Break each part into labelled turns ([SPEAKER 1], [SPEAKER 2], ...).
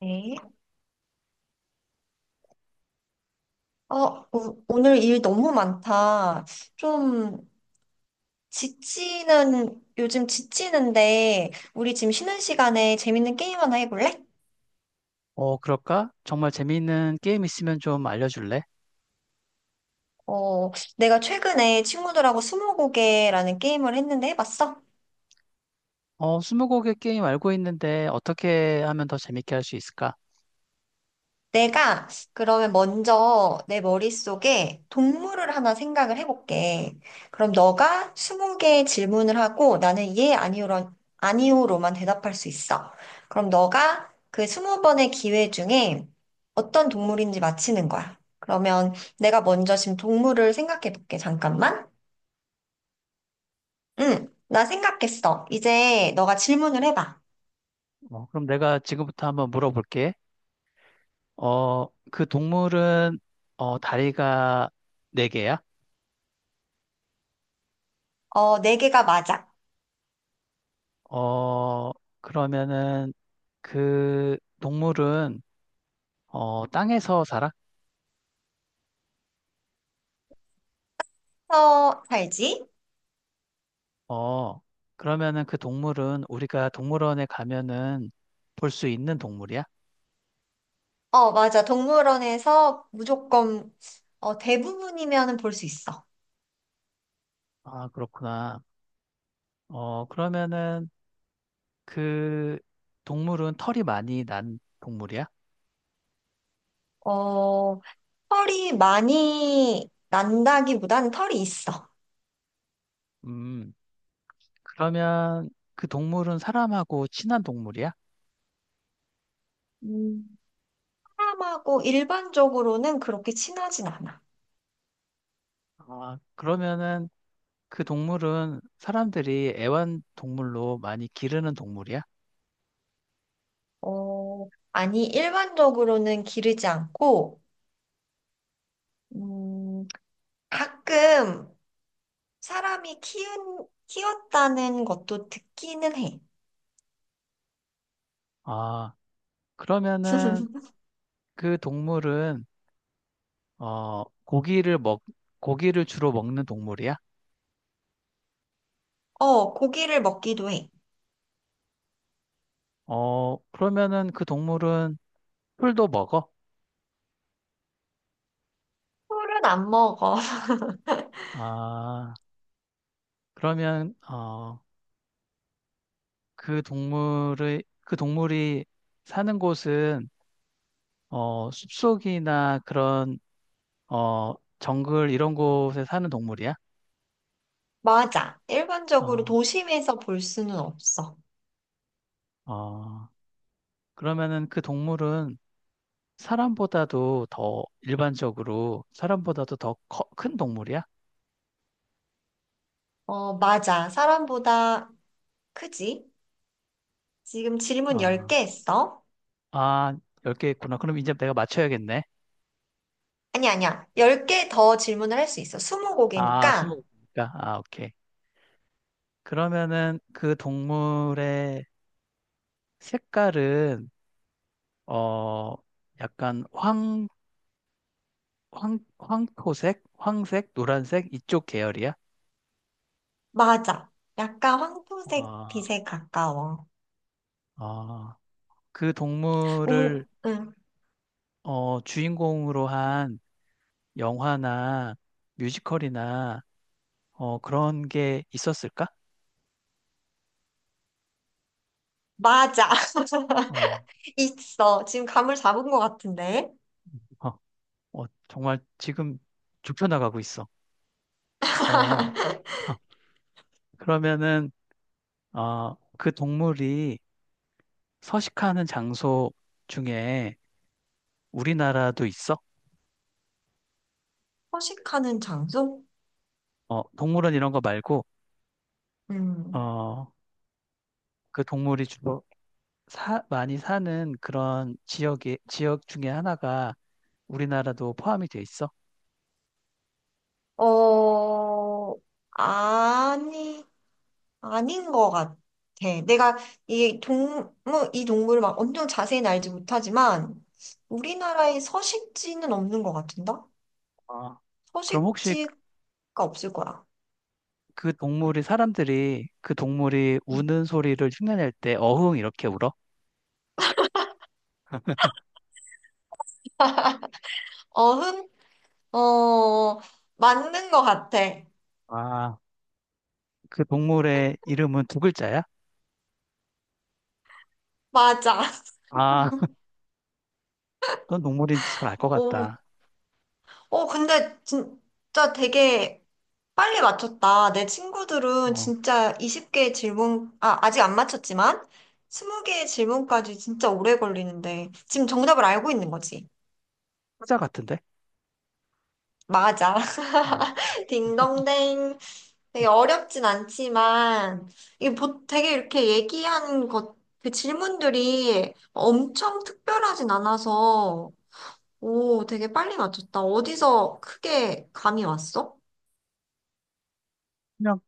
[SPEAKER 1] 네. 오늘 일 너무 많다. 좀 요즘 지치는데, 우리 지금 쉬는 시간에 재밌는 게임 하나 해볼래?
[SPEAKER 2] 그럴까? 정말 재미있는 게임 있으면 좀 알려줄래?
[SPEAKER 1] 어, 내가 최근에 친구들하고 스무고개라는 게임을 했는데 해봤어?
[SPEAKER 2] 스무고개 게임 알고 있는데 어떻게 하면 더 재밌게 할 수 있을까?
[SPEAKER 1] 내가 그러면 먼저 내 머릿속에 동물을 하나 생각을 해볼게. 그럼 너가 20개의 질문을 하고 나는 예, 아니오로만 대답할 수 있어. 그럼 너가 그 20번의 기회 중에 어떤 동물인지 맞히는 거야. 그러면 내가 먼저 지금 동물을 생각해 볼게. 잠깐만. 응, 나 생각했어. 이제 너가 질문을 해봐.
[SPEAKER 2] 그럼 내가 지금부터 한번 물어볼게. 그 동물은 다리가 네개야.
[SPEAKER 1] 어, 네 개가 맞아.
[SPEAKER 2] 어, 그러면은 그 동물은 땅에서 살아?
[SPEAKER 1] 서 살지?
[SPEAKER 2] 어, 그러면은 그 동물은 우리가 동물원에 가면은 볼 수 있는 동물이야?
[SPEAKER 1] 어, 맞아. 동물원에서 무조건, 대부분이면은 볼 수 있어.
[SPEAKER 2] 아, 그렇구나. 그러면은 그 동물은 털이 많이 난 동물이야?
[SPEAKER 1] 어, 털이 많이 난다기보다는 털이 있어.
[SPEAKER 2] 음, 그러면 그 동물은 사람하고 친한 동물이야?
[SPEAKER 1] 음, 사람하고 일반적으로는 그렇게 친하진 않아.
[SPEAKER 2] 아, 그러면은 그 동물은 사람들이 애완동물로 많이 기르는 동물이야?
[SPEAKER 1] 어, 아니, 일반적으로는 기르지 않고, 음, 가끔 사람이 키웠다는 것도 듣기는 해.
[SPEAKER 2] 아, 그러면은 그 동물은 어, 고기를 먹, 고기를 주로 먹는 동물이야?
[SPEAKER 1] 어, 고기를 먹기도 해.
[SPEAKER 2] 그러면은 그 동물은 풀도 먹어?
[SPEAKER 1] 털은 안 먹어.
[SPEAKER 2] 아, 그러면 그 동물의 그 동물이 사는 곳은 숲속이나 그런 정글 이런 곳에 사는 동물이야?
[SPEAKER 1] 맞아. 일반적으로
[SPEAKER 2] 어,
[SPEAKER 1] 도심에서 볼 수는 없어.
[SPEAKER 2] 어, 그러면은 그 동물은 사람보다도 더 일반적으로 사람보다도 더 큰 동물이야?
[SPEAKER 1] 어, 맞아. 사람보다 크지? 지금 질문
[SPEAKER 2] 어,
[SPEAKER 1] 10개 했어?
[SPEAKER 2] 아, 10개 있구나. 그럼 이제 내가 맞춰야겠네.
[SPEAKER 1] 아니, 아니야. 10개 더 질문을 할 수 있어.
[SPEAKER 2] 아, 스무
[SPEAKER 1] 20곡이니까.
[SPEAKER 2] 개니까 아, 오케이. 그러면은 그 동물의 색깔은 어, 약간 황토색, 황색, 노란색 이쪽 계열이야?
[SPEAKER 1] 맞아. 약간 황토색
[SPEAKER 2] 아,
[SPEAKER 1] 빛에 가까워.
[SPEAKER 2] 아, 그
[SPEAKER 1] 응,
[SPEAKER 2] 동물을
[SPEAKER 1] 응.
[SPEAKER 2] 주인공으로 한 영화나 뮤지컬이나 그런 게 있었을까?
[SPEAKER 1] 맞아.
[SPEAKER 2] 어,
[SPEAKER 1] 있어. 지금 감을 잡은 것 같은데.
[SPEAKER 2] 어, 정말 지금 좁혀나가고 있어. 어, 어. 그러면은 그 동물이 서식하는 장소 중에 우리나라도 있어?
[SPEAKER 1] 허식하는 장소?
[SPEAKER 2] 동물원 이런 거 말고
[SPEAKER 1] 음.
[SPEAKER 2] 어, 그 동물이 주로 많이 사는 그런 지역 중에 하나가 우리나라도 포함이 돼 있어?
[SPEAKER 1] 어, 아니. 아닌 것 같아. 내가 이 동물, 이 동물을 막 엄청 자세히 알지 못하지만 우리나라에 서식지는 없는 것 같은다?
[SPEAKER 2] 아. 그럼 혹시
[SPEAKER 1] 서식지가 없을 거야.
[SPEAKER 2] 그 동물이 사람들이 그 동물이
[SPEAKER 1] 음.
[SPEAKER 2] 우는 소리를 흉내낼 때 어흥 이렇게 울어?
[SPEAKER 1] 어흥? 어, 맞는 것 같아.
[SPEAKER 2] 아, 그 동물의 이름은 두 글자야?
[SPEAKER 1] 맞아.
[SPEAKER 2] 아, 어떤 동물인지 잘 알 것
[SPEAKER 1] 오,
[SPEAKER 2] 같다.
[SPEAKER 1] 어, 근데 진짜 되게 빨리 맞췄다. 내 친구들은
[SPEAKER 2] 어,
[SPEAKER 1] 진짜 20개의 질문, 아, 아직 안 맞췄지만 20개의 질문까지 진짜 오래 걸리는데 지금 정답을 알고 있는 거지.
[SPEAKER 2] 사자 같은데?
[SPEAKER 1] 맞아.
[SPEAKER 2] 아.
[SPEAKER 1] 딩동댕. 되게 어렵진 않지만, 이게 되게 이렇게 얘기한 것, 그 질문들이 엄청 특별하진 않아서, 오, 되게 빨리 맞췄다. 어디서 크게 감이 왔어?
[SPEAKER 2] 그냥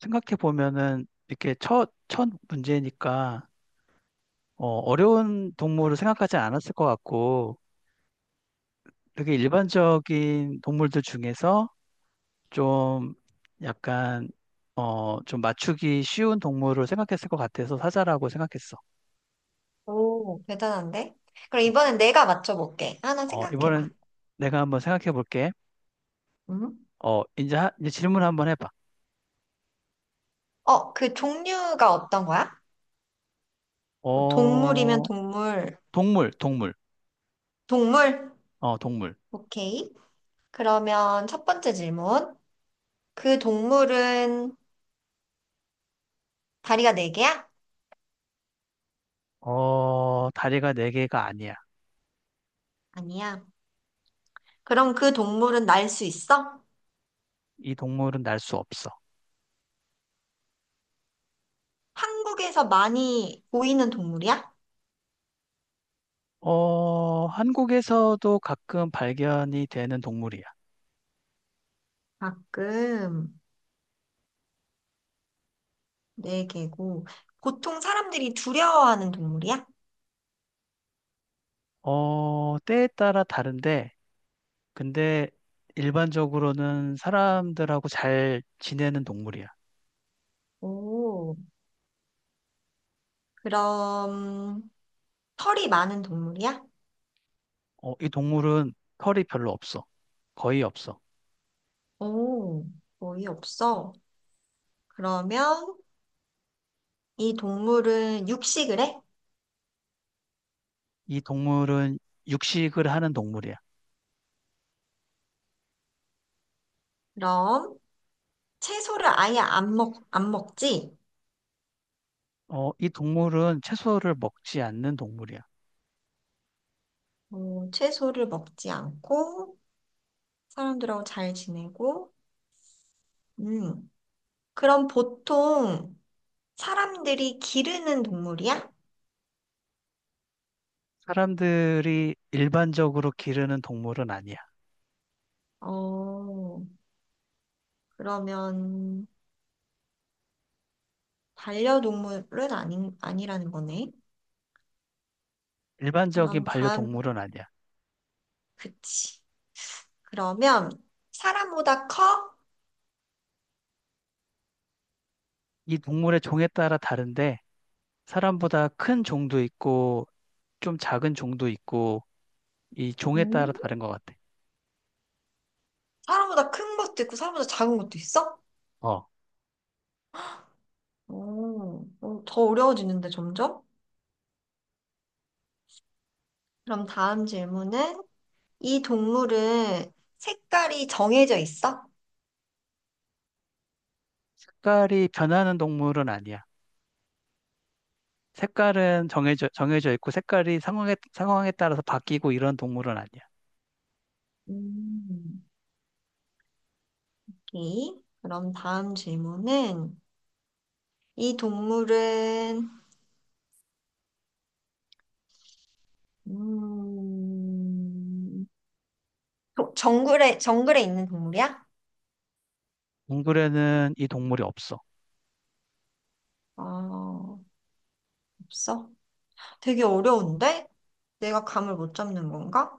[SPEAKER 2] 생각해 보면은 이렇게 첫 문제니까 어려운 동물을 생각하지 않았을 것 같고 되게 일반적인 동물들 중에서 좀 약간 좀 맞추기 쉬운 동물을 생각했을 것 같아서 사자라고 생각했어.
[SPEAKER 1] 오, 대단한데? 그럼
[SPEAKER 2] 어,
[SPEAKER 1] 이번엔 내가 맞춰볼게. 하나
[SPEAKER 2] 이번엔
[SPEAKER 1] 생각해봐.
[SPEAKER 2] 내가 한번 생각해 볼게.
[SPEAKER 1] 응?
[SPEAKER 2] 이제 질문 한번 해봐.
[SPEAKER 1] 어, 그 종류가 어떤 거야? 뭐 동물이면
[SPEAKER 2] 어,
[SPEAKER 1] 동물.
[SPEAKER 2] 동물, 동물.
[SPEAKER 1] 동물?
[SPEAKER 2] 동물.
[SPEAKER 1] 오케이. 그러면 첫 번째 질문. 그 동물은 다리가 네 개야?
[SPEAKER 2] 다리가 네 개가 아니야.
[SPEAKER 1] 아니야. 그럼 그 동물은 날 수 있어?
[SPEAKER 2] 이 동물은 날 수 없어.
[SPEAKER 1] 한국에서 많이 보이는 동물이야?
[SPEAKER 2] 한국에서도 가끔 발견이 되는 동물이야.
[SPEAKER 1] 가끔 네 개고. 보통 사람들이 두려워하는 동물이야?
[SPEAKER 2] 때에 따라 다른데, 근데 일반적으로는 사람들하고 잘 지내는 동물이야.
[SPEAKER 1] 오, 그럼 털이 많은 동물이야?
[SPEAKER 2] 이 동물은 털이 별로 없어. 거의 없어.
[SPEAKER 1] 오, 거의 없어. 그러면 이 동물은 육식을 해?
[SPEAKER 2] 이 동물은 육식을 하는 동물이야.
[SPEAKER 1] 그럼 채소를 아예 안 먹지?
[SPEAKER 2] 이 동물은 채소를 먹지 않는 동물이야.
[SPEAKER 1] 오, 채소를 먹지 않고 사람들하고 잘 지내고, 음. 그럼 보통 사람들이 기르는 동물이야?
[SPEAKER 2] 사람들이 일반적으로 기르는 동물은 아니야.
[SPEAKER 1] 어, 그러면 반려동물은 아니, 아니라는 거네.
[SPEAKER 2] 일반적인
[SPEAKER 1] 그럼 다음,
[SPEAKER 2] 반려동물은 아니야.
[SPEAKER 1] 그치. 그러면 사람보다 커?
[SPEAKER 2] 이 동물의 종에 따라 다른데 사람보다 큰 종도 있고 좀 작은 종도 있고 이 종에
[SPEAKER 1] 음?
[SPEAKER 2] 따라 다른 것 같아.
[SPEAKER 1] 사람보다 큰 것도 있고 사람보다 작은 것도 있어?
[SPEAKER 2] 어,
[SPEAKER 1] 오, 더 어려워지는데 점점? 그럼 다음 질문은 이 동물은 색깔이 정해져 있어?
[SPEAKER 2] 색깔이 변하는 동물은 아니야. 색깔은 정해져 있고 색깔이 상황에 따라서 바뀌고 이런 동물은 아니야.
[SPEAKER 1] 음. 오케이. 그럼 다음 질문은 이 동물은 음, 정글에 있는 동물이야?
[SPEAKER 2] 동굴에는 이 동물이 없어.
[SPEAKER 1] 아, 없어? 되게 어려운데? 내가 감을 못 잡는 건가?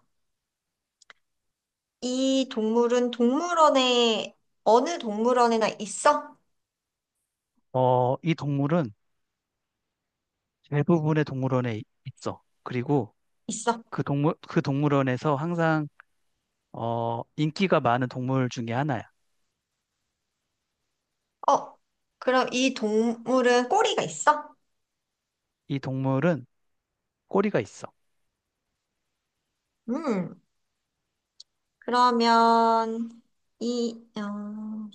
[SPEAKER 1] 이 동물은 동물원에 어느 동물원에나 있어?
[SPEAKER 2] 이 동물은 대부분의 동물원에 있어. 그리고
[SPEAKER 1] 있어.
[SPEAKER 2] 그 동물원에서 항상 인기가 많은 동물 중에 하나야.
[SPEAKER 1] 어, 그럼 이 동물은 꼬리가 있어?
[SPEAKER 2] 이 동물은 꼬리가 있어.
[SPEAKER 1] 음, 그러면 이 어,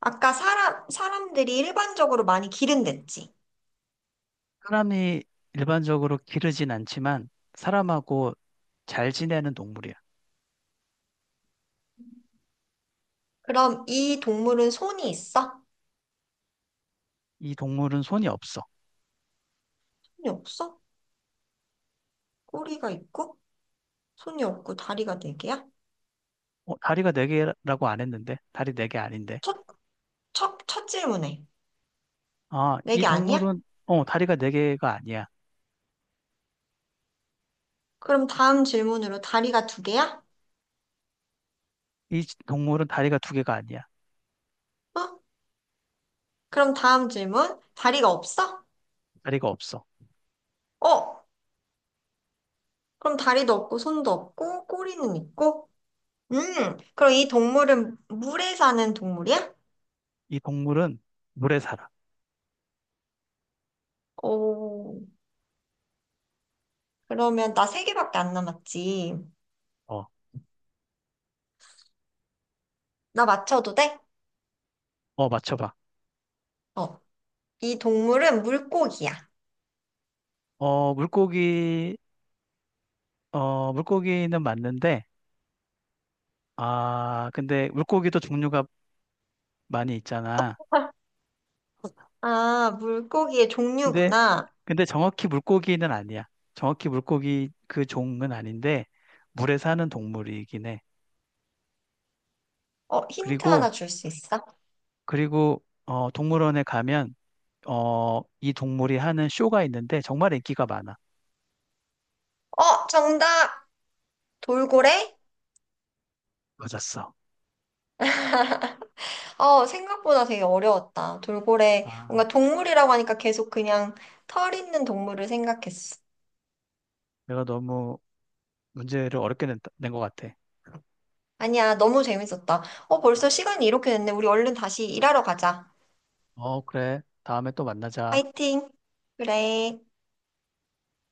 [SPEAKER 1] 아까 사람들이 일반적으로 많이 기른댔지?
[SPEAKER 2] 사람이 일반적으로 기르진 않지만 사람하고 잘 지내는 동물이야.
[SPEAKER 1] 그럼 이 동물은 손이 있어?
[SPEAKER 2] 이 동물은 손이 없어.
[SPEAKER 1] 손이 없어? 꼬리가 있고, 손이 없고, 다리가 네 개야?
[SPEAKER 2] 다리가 네 개라고 안 했는데 다리 4개 아닌데.
[SPEAKER 1] 첫, 첫 질문에.
[SPEAKER 2] 아,
[SPEAKER 1] 네
[SPEAKER 2] 이
[SPEAKER 1] 개 아니야?
[SPEAKER 2] 동물은 다리가 네 개가 아니야.
[SPEAKER 1] 그럼 다음 질문으로 다리가 두 개야?
[SPEAKER 2] 이 동물은 다리가 두 개가 아니야.
[SPEAKER 1] 어? 그럼 다음 질문, 다리가 없어?
[SPEAKER 2] 다리가 없어.
[SPEAKER 1] 어? 그럼 다리도 없고, 손도 없고, 꼬리는 있고? 음, 그럼 이 동물은 물에 사는 동물이야?
[SPEAKER 2] 이 동물은 물에 살아.
[SPEAKER 1] 오, 그러면 나 세 개밖에 안 남았지.
[SPEAKER 2] 어,
[SPEAKER 1] 나 맞춰도 돼?
[SPEAKER 2] 어, 맞춰봐.
[SPEAKER 1] 어, 이 동물은 물고기야.
[SPEAKER 2] 어, 물고기, 물고기는 맞는데, 아, 근데 물고기도 종류가 많이 있잖아.
[SPEAKER 1] 아, 물고기의
[SPEAKER 2] 근데,
[SPEAKER 1] 종류구나.
[SPEAKER 2] 근데 정확히 물고기는 아니야. 정확히 물고기 그 종은 아닌데, 물에 사는 동물이긴 해.
[SPEAKER 1] 힌트 하나
[SPEAKER 2] 그리고,
[SPEAKER 1] 줄 수 있어?
[SPEAKER 2] 그리고, 동물원에 가면, 이 동물이 하는 쇼가 있는데, 정말 인기가 많아.
[SPEAKER 1] 어, 정답!
[SPEAKER 2] 어,
[SPEAKER 1] 돌고래?
[SPEAKER 2] 맞았어.
[SPEAKER 1] 어, 생각보다 되게 어려웠다. 돌고래.
[SPEAKER 2] 아,
[SPEAKER 1] 뭔가 동물이라고 하니까 계속 그냥 털 있는 동물을 생각했어.
[SPEAKER 2] 내가 너무 문제를 어렵게 낸것 같아.
[SPEAKER 1] 아니야, 너무 재밌었다. 어, 벌써 시간이 이렇게 됐네. 우리 얼른 다시 일하러 가자.
[SPEAKER 2] 그래. 다음에 또 만나자.
[SPEAKER 1] 파이팅! 그래.